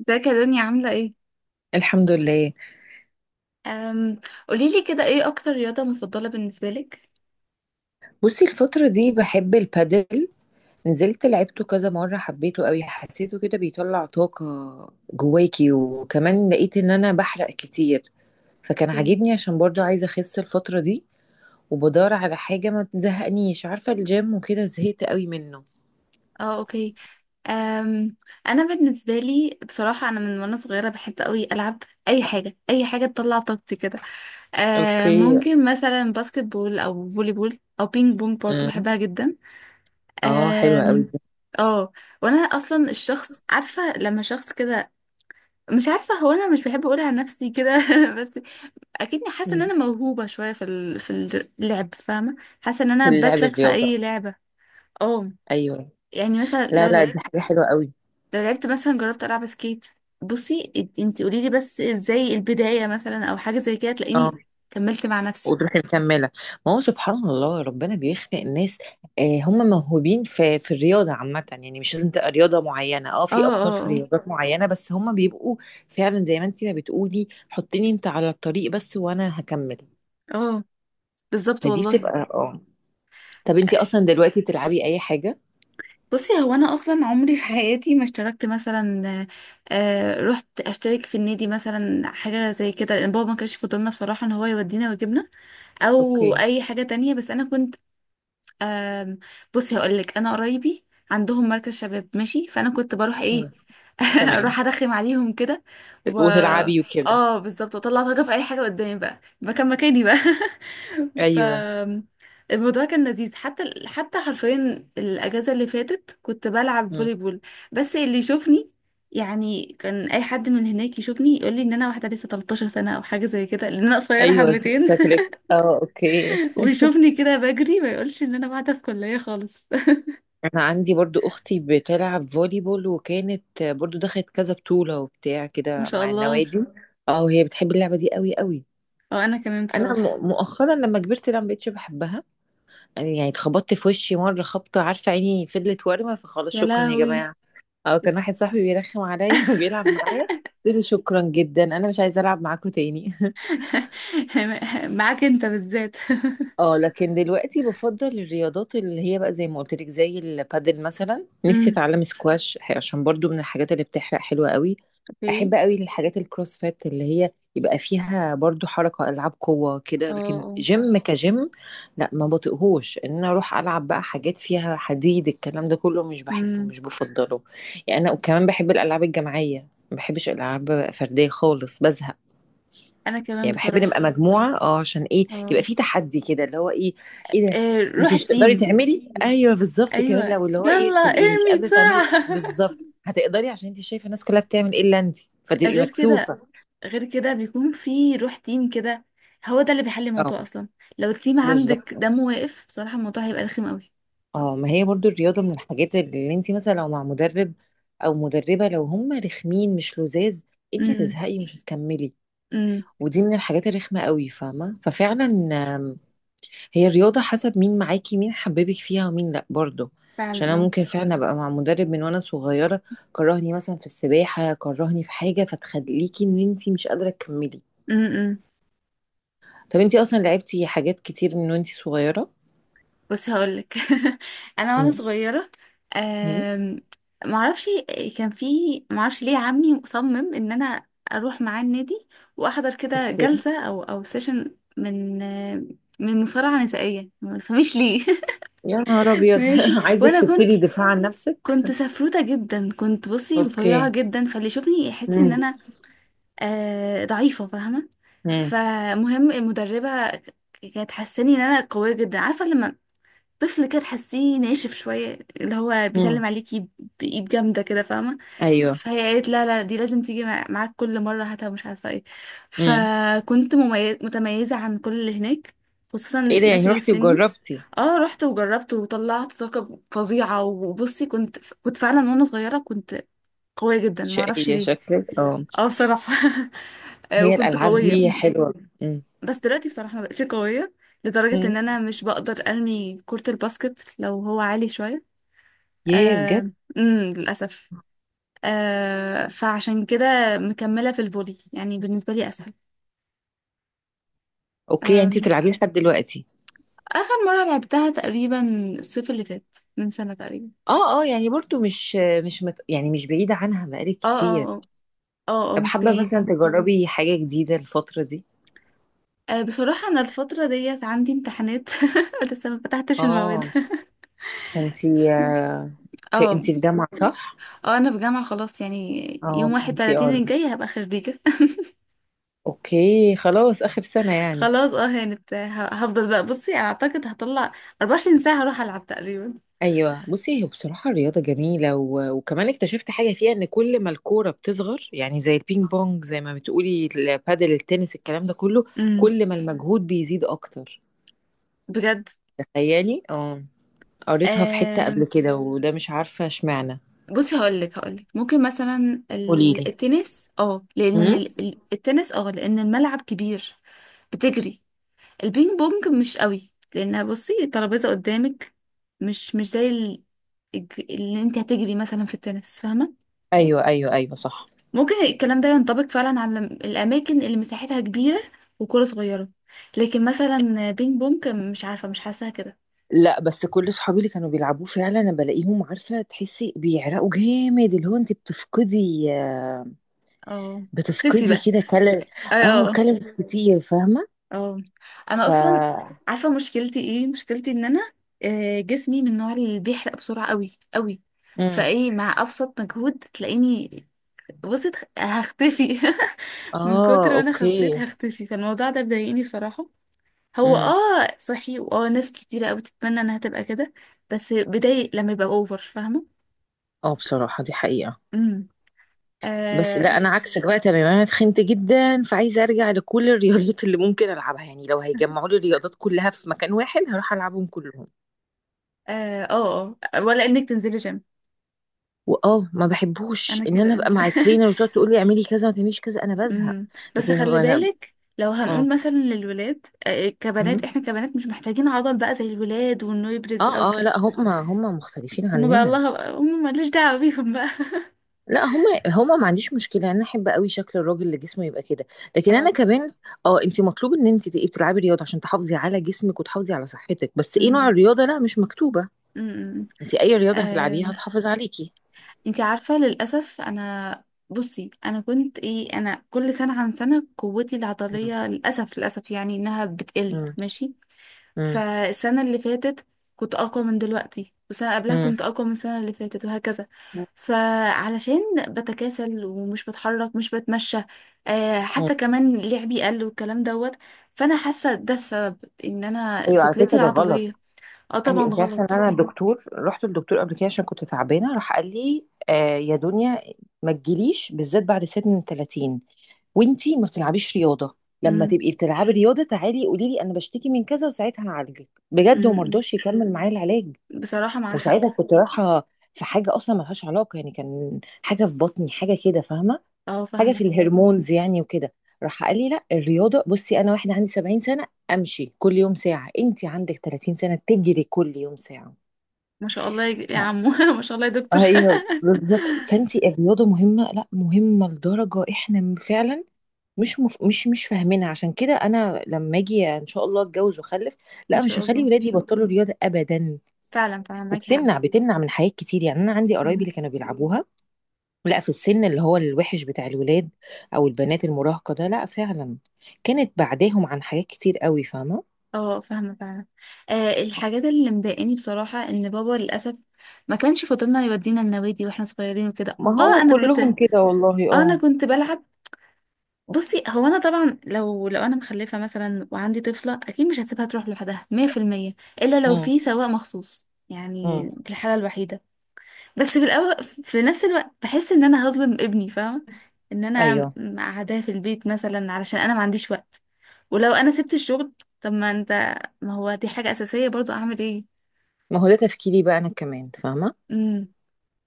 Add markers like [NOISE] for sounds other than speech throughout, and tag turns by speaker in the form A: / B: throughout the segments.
A: ازيك يا دنيا عاملة ايه؟
B: الحمد لله.
A: أم قوليلي كده ايه أكتر رياضة مفضلة بالنسبة لك؟
B: بصي، الفترة دي بحب البادل. نزلت لعبته كذا مرة، حبيته قوي، حسيته كده بيطلع طاقة جواكي، وكمان لقيت ان انا بحرق كتير. فكان
A: ايه،
B: عاجبني عشان برضو عايزة اخس الفترة دي، وبدور على حاجة ما تزهقنيش، عارفة الجيم وكده زهقت قوي منه.
A: اه، اوكي. أم أنا بالنسبة لي بصراحة أنا من وأنا صغيرة بحب أوي ألعب أي حاجة، أي حاجة تطلع طاقتي كده.
B: اوكي.
A: ممكن مثلا باسكت بول أو فولي بول أو بينج بونج، برضه
B: أمم.
A: بحبها جدا.
B: اه حلوة قوي
A: أم
B: دي.
A: اه، وأنا أصلا الشخص، عارفة لما شخص كده، مش عارفة، هو أنا مش بحب أقول عن نفسي كده. [LAUGHS] بس اكيدني حاسه ان
B: أمم.
A: انا موهوبه شويه في ال... في الج- اللعب، فاهمه. حاسه ان
B: في
A: انا
B: اللعب،
A: بسلك في
B: الرياضة.
A: اي لعبه. اه.
B: ايوه.
A: يعني مثلا لو
B: لا لا، دي
A: لعبت
B: حاجة حلوة قوي.
A: لو لعبت مثلا جربت العب سكيت. بصي، انت قولي لي بس ازاي البدايه، مثلا او حاجه زي كده، تلاقيني كملت مع نفسي.
B: وتروحي مكمله. ما هو سبحان الله، ربنا بيخلق ناس، آه، هم موهوبين في الرياضه عامه، يعني مش لازم تبقى رياضه معينه. اه،
A: اه
B: في ابطال في
A: اه
B: رياضات معينه، بس هم بيبقوا فعلا زي ما انت ما بتقولي، حطيني انت على الطريق بس وانا هكمل.
A: اه اه، بالظبط
B: فدي
A: والله.
B: بتبقى، اه، طب انت اصلا دلوقتي بتلعبي اي حاجه؟
A: بصي هو انا اصلا عمري في حياتي ما اشتركت مثلا، آه، رحت اشترك في النادي مثلا حاجه زي كده، لان بابا ما كانش فضلنا بصراحه ان هو يودينا ويجيبنا او
B: اوكي.
A: اي حاجه تانية، بس انا كنت، أم بصي هقول لك، انا قرايبي عندهم مركز شباب، ماشي، فانا كنت بروح ايه.
B: مم.
A: [LAUGHS] اروح
B: تمام.
A: ارخم عليهم كده و
B: وتلعبي وكده.
A: اه بالظبط، واطلع طاقه في اي حاجه قدامي بقى، مكاني بقى. [LAUGHS] ف
B: ايوه.
A: الموضوع كان لذيذ، حتى حرفيا الاجازه اللي فاتت كنت بلعب
B: مم.
A: فولي بول، بس اللي يشوفني، يعني كان اي حد من هناك يشوفني يقول لي ان انا واحده لسه 13 سنه او حاجه زي كده لان انا قصيره
B: ايوه،
A: حبتين.
B: شكلك. اه، اوكي.
A: [LAUGHS] ويشوفني كده بجري، ما يقولش ان انا قاعده في كليه خالص.
B: انا عندي برضو اختي بتلعب فولي بول، وكانت برضو دخلت كذا بطولة وبتاع
A: ما
B: كده
A: شاء
B: مع
A: الله.
B: النوادي. اه، وهي بتحب اللعبة دي قوي قوي.
A: او انا كمان
B: انا
A: بصراحة.
B: مؤخرا لما كبرت لا ما بقتش بحبها، يعني اتخبطت في وشي مرة خبطة، عارفة عيني فضلت وارمة، فخلاص
A: يا
B: شكرا يا
A: لهوي.
B: جماعة. او كان واحد صاحبي بيرخم عليا [LAUGHS] وبيلعب معايا، قلت له شكرا جدا، انا مش عايزة العب معاكم تاني [LAUGHS]
A: [LAUGHS] معاك انت بالذات.
B: اه، لكن دلوقتي بفضل الرياضات اللي هي بقى زي ما قلت لك، زي البادل مثلا. نفسي
A: امم،
B: اتعلم سكواش، عشان برضو من الحاجات اللي بتحرق حلوة قوي.
A: اوكي،
B: احب قوي الحاجات الكروسفيت اللي هي يبقى فيها برضو حركة، العاب قوة كده،
A: اه
B: لكن
A: اه.
B: جيم كجيم لا، ما بطيقهوش ان انا اروح العب بقى حاجات فيها حديد، الكلام ده كله مش بحبه،
A: امم.
B: مش بفضله. يعني انا وكمان بحب الالعاب الجماعية، ما بحبش العاب فردية خالص، بزهق.
A: انا كمان
B: يعني بحب نبقى
A: بصراحة.
B: مجموعة، اه، عشان ايه؟ يبقى
A: اه.
B: في تحدي كده اللي هو ايه. ايه ده؟
A: إيه،
B: انت
A: روح
B: مش تقدري
A: التيم.
B: تعملي. ايوه بالظبط، كمان
A: ايوه،
B: لو اللي هو
A: يلا
B: ايه، تبقي مش
A: ارمي
B: قادرة تعملي
A: بسرعة. [LAUGHS]
B: بالظبط هتقدري، عشان انت شايفة الناس كلها بتعمل ايه الا انت، فتبقي
A: غير كده،
B: مكسوفة.
A: غير كده بيكون في روح تيم كده، هو ده اللي بيحل
B: اه،
A: الموضوع اصلا. لو التيم عندك
B: بالظبط.
A: دمه واقف بصراحة الموضوع هيبقى رخم قوي.
B: اه، ما هي برضو الرياضة من الحاجات اللي انت مثلا لو مع مدرب او مدربة، لو هم رخمين مش لذاذ، انت
A: امم.
B: هتزهقي مش هتكملي.
A: امم.
B: ودي من الحاجات الرخمة قوي، فاهمة؟ ففعلا هي الرياضة حسب مين معاكي، مين حببك فيها ومين لأ برضه. عشان
A: فعلا
B: أنا
A: اه.
B: ممكن فعلا أبقى مع مدرب من وأنا صغيرة كرهني مثلا في السباحة، كرهني في حاجة، فتخليكي إن أنتي مش قادرة تكملي.
A: امم.
B: طب أنتي أصلا لعبتي حاجات كتير من وأنتي صغيرة؟
A: بس هقولك. [LAUGHS] انا وانا
B: مم.
A: صغيره،
B: مم.
A: أم... معرفش، كان في، معرفش ليه عمي مصمم ان انا اروح معاه النادي واحضر كده
B: أوكي.
A: جلسه او سيشن من مصارعه نسائيه، ما تفهميش ليه.
B: يا نهار
A: [LAUGHS]
B: أبيض
A: ماشي.
B: [LAUGHS] عايزك
A: وانا كنت،
B: تبتدي دفاع عن نفسك؟
A: سفروته جدا، كنت بصي رفيعه
B: أوكي.
A: جدا، فاللي يشوفني يحس ان
B: مم.
A: انا آه ضعيفه، فاهمه.
B: مم.
A: فمهم المدربه كانت حاساني ان انا قويه جدا. عارفه لما طفل كده تحسيه ناشف شوية، اللي هو
B: مم.
A: بيسلم عليكي بإيد جامدة كده، فاهمة.
B: أيوه.
A: فهي قالت لا لا، دي لازم تيجي معاك كل مرة، هاتها، مش عارفة ايه،
B: مم.
A: فكنت متميزة عن كل اللي هناك، خصوصا
B: إيه ده،
A: الناس
B: يعني
A: اللي في
B: رحتي
A: سني.
B: وجربتي؟
A: اه، رحت وجربت وطلعت طاقة فظيعة. وبصي كنت، فعلا وانا صغيرة كنت قوية جدا، معرفش
B: شقية
A: ليه.
B: شكلك، اه.
A: اه بصراحة. [LAUGHS] آه،
B: هي
A: وكنت
B: الألعاب دي
A: قوية.
B: حلوة. مم.
A: بس دلوقتي بصراحة ما بقتش قوية لدرجة ان
B: مم.
A: انا مش بقدر ارمي كرة الباسكت لو هو عالي شوية.
B: ياه،
A: آه،
B: بجد؟
A: امم، للأسف. آه، فعشان كده مكملة في الفولي، يعني بالنسبة لي أسهل.
B: اوكي، يعني انت
A: آم،
B: بتلعبيه لحد دلوقتي؟
A: آخر مرة لعبتها تقريبا الصيف اللي فات، من سنة تقريبا.
B: اه اه، يعني برضو مش مش مت... يعني مش بعيدة عنها بقالك
A: اه
B: كتير.
A: اه اه اه آه،
B: طب
A: مش
B: حابة
A: بعيد.
B: مثلا تجربي حاجة جديدة الفترة دي؟
A: آه، بصراحة أنا الفترة ديت عندي امتحانات. [LAUGHS] لسه ما فتحتش المواد.
B: اه، فانت،
A: [LAUGHS]
B: في
A: اه
B: انت في جامعة صح؟
A: اه، أنا في جامعة خلاص، يعني
B: اه،
A: يوم واحد
B: فانت،
A: تلاتين
B: اه،
A: الجاي هبقى خريجة.
B: اوكي، خلاص اخر سنة
A: [LAUGHS]
B: يعني.
A: خلاص اه، هانت، هفضل بقى. بصي أنا أعتقد هطلع 24 ساعة هروح ألعب تقريبا.
B: ايوه. بصي، هي بصراحة الرياضة جميلة وكمان اكتشفت حاجة فيها، ان كل ما الكورة بتصغر، يعني زي البينج بونج، زي ما بتقولي البادل، التنس، الكلام ده كله،
A: امم.
B: كل ما المجهود بيزيد اكتر.
A: بجد.
B: تخيلي، اه، قريتها في حتة
A: آم،
B: قبل كده، وده مش عارفة اشمعنى.
A: بصي هقولك ممكن مثلا
B: قوليلي.
A: التنس اه لان
B: امم.
A: التنس اه لان الملعب كبير، بتجري. البينج بونج مش قوي، لانها بصي الترابيزه قدامك، مش زي اللي انت هتجري مثلا في التنس، فاهمه.
B: ايوه ايوه ايوه، صح.
A: ممكن الكلام ده ينطبق فعلا على الاماكن اللي مساحتها كبيره وكره صغيره. لكن مثلا بينج بونج، مش عارفه، مش حاساها كده.
B: لا بس كل صحابي اللي كانوا بيلعبوه، فعلا انا بلاقيهم، عارفه تحسي بيعرقوا جامد، اللي هو انت بتفقدي،
A: اه. خسي
B: بتفقدي
A: بقى.
B: كده كالوري.
A: اه.
B: اه،
A: آه.
B: كالوريز كتير، فاهمه؟
A: اه انا اصلا
B: ف
A: عارفه مشكلتي ايه، مشكلتي ان انا آه، جسمي من النوع اللي بيحرق بسرعه قوي قوي.
B: امم.
A: فايه، مع ابسط مجهود تلاقيني بصيت، هختفي. [LAUGHS] من كتر
B: اه،
A: ما انا خسيت
B: اوكي.
A: هختفي، فالموضوع ده بيضايقني بصراحه. هو
B: امم.
A: اه صحي، واه ناس كتيره قوي تتمنى انها تبقى كده، بس بيضايق لما يبقى اوفر، فاهمه.
B: اه، بصراحه دي حقيقه.
A: امم.
B: بس لا،
A: اه
B: انا عكسك بقى تماما، انا اتخنت جدا، فعايزه ارجع لكل الرياضات اللي ممكن العبها. يعني لو هيجمعوا لي الرياضات كلها في مكان واحد هروح العبهم كلهم.
A: اه اه آه. ولا انك تنزلي جيم.
B: واه، ما بحبوش
A: انا
B: ان انا
A: كده،
B: ابقى
A: انا كده.
B: مع
A: [LAUGHS]
B: الترينر وتقعد تقول لي اعملي كذا ما تعمليش كذا، انا بزهق.
A: امم. بس
B: لكن
A: خلي
B: انا،
A: بالك لو
B: اه،
A: هنقول مثلا للولاد آه، آه، كبنات،
B: مم.
A: احنا كبنات مش محتاجين عضل بقى زي الولاد وانه يبرز او
B: اه اه،
A: الكلام
B: لا،
A: ده.
B: هم مختلفين
A: هما بقى
B: عننا.
A: الله بقى، هما ماليش دعوة بيهم بقى. [LAUGHS]
B: لا، هم ما عنديش مشكله، انا احب قوي شكل الراجل اللي جسمه يبقى كده. لكن
A: اه
B: انا
A: اكيد.
B: كمان، اه، انت مطلوب ان انت تبقي بتلعبي رياضه عشان تحافظي على جسمك وتحافظي على صحتك، بس ايه نوع
A: امم.
B: الرياضه لا، مش مكتوبه.
A: امم.
B: انت اي رياضه هتلعبيها
A: آم،
B: هتحافظ عليكي.
A: انتي عارفة للأسف انا، بصي انا كنت ايه، انا كل سنة عن سنة قوتي
B: مم.
A: العضلية للأسف للأسف يعني انها بتقل،
B: مم.
A: ماشي.
B: مم.
A: فالسنة اللي فاتت كنت أقوى من دلوقتي، والسنة قبلها
B: مم.
A: كنت أقوى من السنة اللي فاتت، وهكذا. فعلشان بتكاسل ومش بتحرك مش بتمشى آه،
B: مم.
A: حتى كمان لعبي قل والكلام دوت، فأنا حاسة ده السبب إن أنا
B: ايوه، على
A: كتلتي
B: فكره ده غلط.
A: العضلية. اه
B: اي،
A: طبعا
B: انت عارفه ان
A: غلط.
B: انا رحت للدكتور قبل كده، عشان كنت تعبانه، راح قال لي: آه يا دنيا، ما تجيليش بالذات بعد سن 30 وانتي ما بتلعبيش رياضه. لما
A: امم.
B: تبقي بتلعبي رياضه تعالي قولي لي انا بشتكي من كذا وساعتها هعالجك بجد. وما
A: امم.
B: رضاش يكمل معايا العلاج.
A: بصراحة مع حق.
B: وساعتها كنت رايحه في حاجه اصلا ملهاش علاقه، يعني كان حاجه في بطني، حاجه كده، فاهمه،
A: اه
B: حاجه
A: فاهمة.
B: في الهرمونز يعني وكده. راح قال لي: لا، الرياضه، بصي انا واحده عندي 70 سنه امشي كل يوم ساعه، انت عندك 30 سنه تجري كل يوم ساعه.
A: ما شاء الله يا عمو. [LAUGHS] ما شاء الله يا دكتور.
B: ايوه بالظبط.
A: [LAUGHS]
B: فانت الرياضه مهمه، لا، مهمه لدرجه احنا فعلا مش مف... مش مش فاهمينها. عشان كده انا لما اجي ان شاء الله اتجوز واخلف،
A: ان
B: لا مش
A: شاء
B: هخلي
A: الله.
B: ولادي يبطلوا رياضه ابدا.
A: فعلا، فعلا معاكي حق.
B: وبتمنع بتمنع من حاجات كتير يعني، انا عندي قرايبي
A: مم.
B: اللي كانوا بيلعبوها، لا، في السن اللي هو الوحش بتاع الولاد او البنات المراهقه، ده لا فعلا كانت بعداهم عن حاجات كتير قوي، فاهمه.
A: اه فاهمة فعلا. آه، الحاجات اللي مضايقاني بصراحة ان بابا للأسف ما كانش فاضلنا يودينا النوادي واحنا صغيرين وكده
B: ما
A: اه،
B: هو
A: انا كنت اه،
B: كلهم كده والله،
A: انا
B: اه.
A: كنت بلعب. بصي هو انا طبعا لو انا مخلفة مثلا وعندي طفلة، اكيد مش هسيبها تروح لوحدها 100%، الا لو
B: امم.
A: في سواق مخصوص،
B: امم.
A: يعني دي الحالة الوحيدة. بس في الاول، في نفس الوقت، بحس ان انا هظلم ابني، فاهمة، ان انا
B: ايوه.
A: قاعداه في البيت مثلا علشان انا ما عنديش وقت، ولو انا سبت الشغل، طب ما انت، ما هو دي حاجة اساسية برضو، اعمل ايه.
B: ما هو ده تفكيري بقى انا كمان، فاهمه.
A: امم.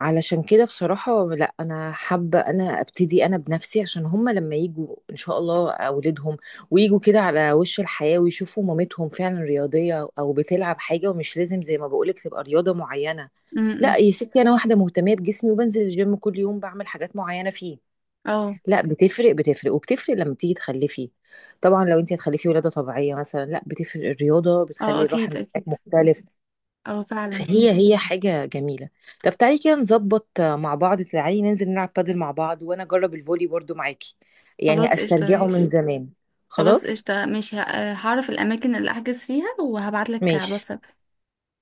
B: علشان كده بصراحة، لا، أنا حابة أنا أبتدي أنا بنفسي، عشان هما لما يجوا إن شاء الله أولادهم ويجوا كده على وش الحياة، ويشوفوا مامتهم فعلا رياضية أو بتلعب حاجة، ومش لازم زي ما بقولك تبقى رياضة معينة.
A: امم.
B: لا
A: إمم.
B: يا ستي، أنا واحدة مهتمية بجسمي وبنزل الجيم كل يوم، بعمل حاجات معينة فيه.
A: اه
B: لا بتفرق، بتفرق، وبتفرق لما تيجي تخلفي، طبعا لو أنت هتخلفي ولادة طبيعية مثلا، لا بتفرق، الرياضة
A: اه
B: بتخلي
A: اكيد
B: الرحم بتاعك
A: اكيد.
B: مختلف.
A: اه فعلا.
B: فهي حاجة جميلة. طب تعالي كده نظبط، مع بعض تعالي ننزل نلعب بادل مع بعض، وانا اجرب الفولي برضو معاكي، يعني
A: خلاص قشطة
B: استرجعه من
A: ماشي.
B: زمان.
A: خلاص
B: خلاص،
A: قشطة ماشي، هعرف الاماكن اللي احجز فيها وهبعتلك على
B: ماشي.
A: الواتساب.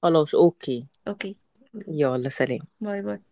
B: خلاص، اوكي.
A: اوكي.
B: يلا، سلام.
A: باي باي.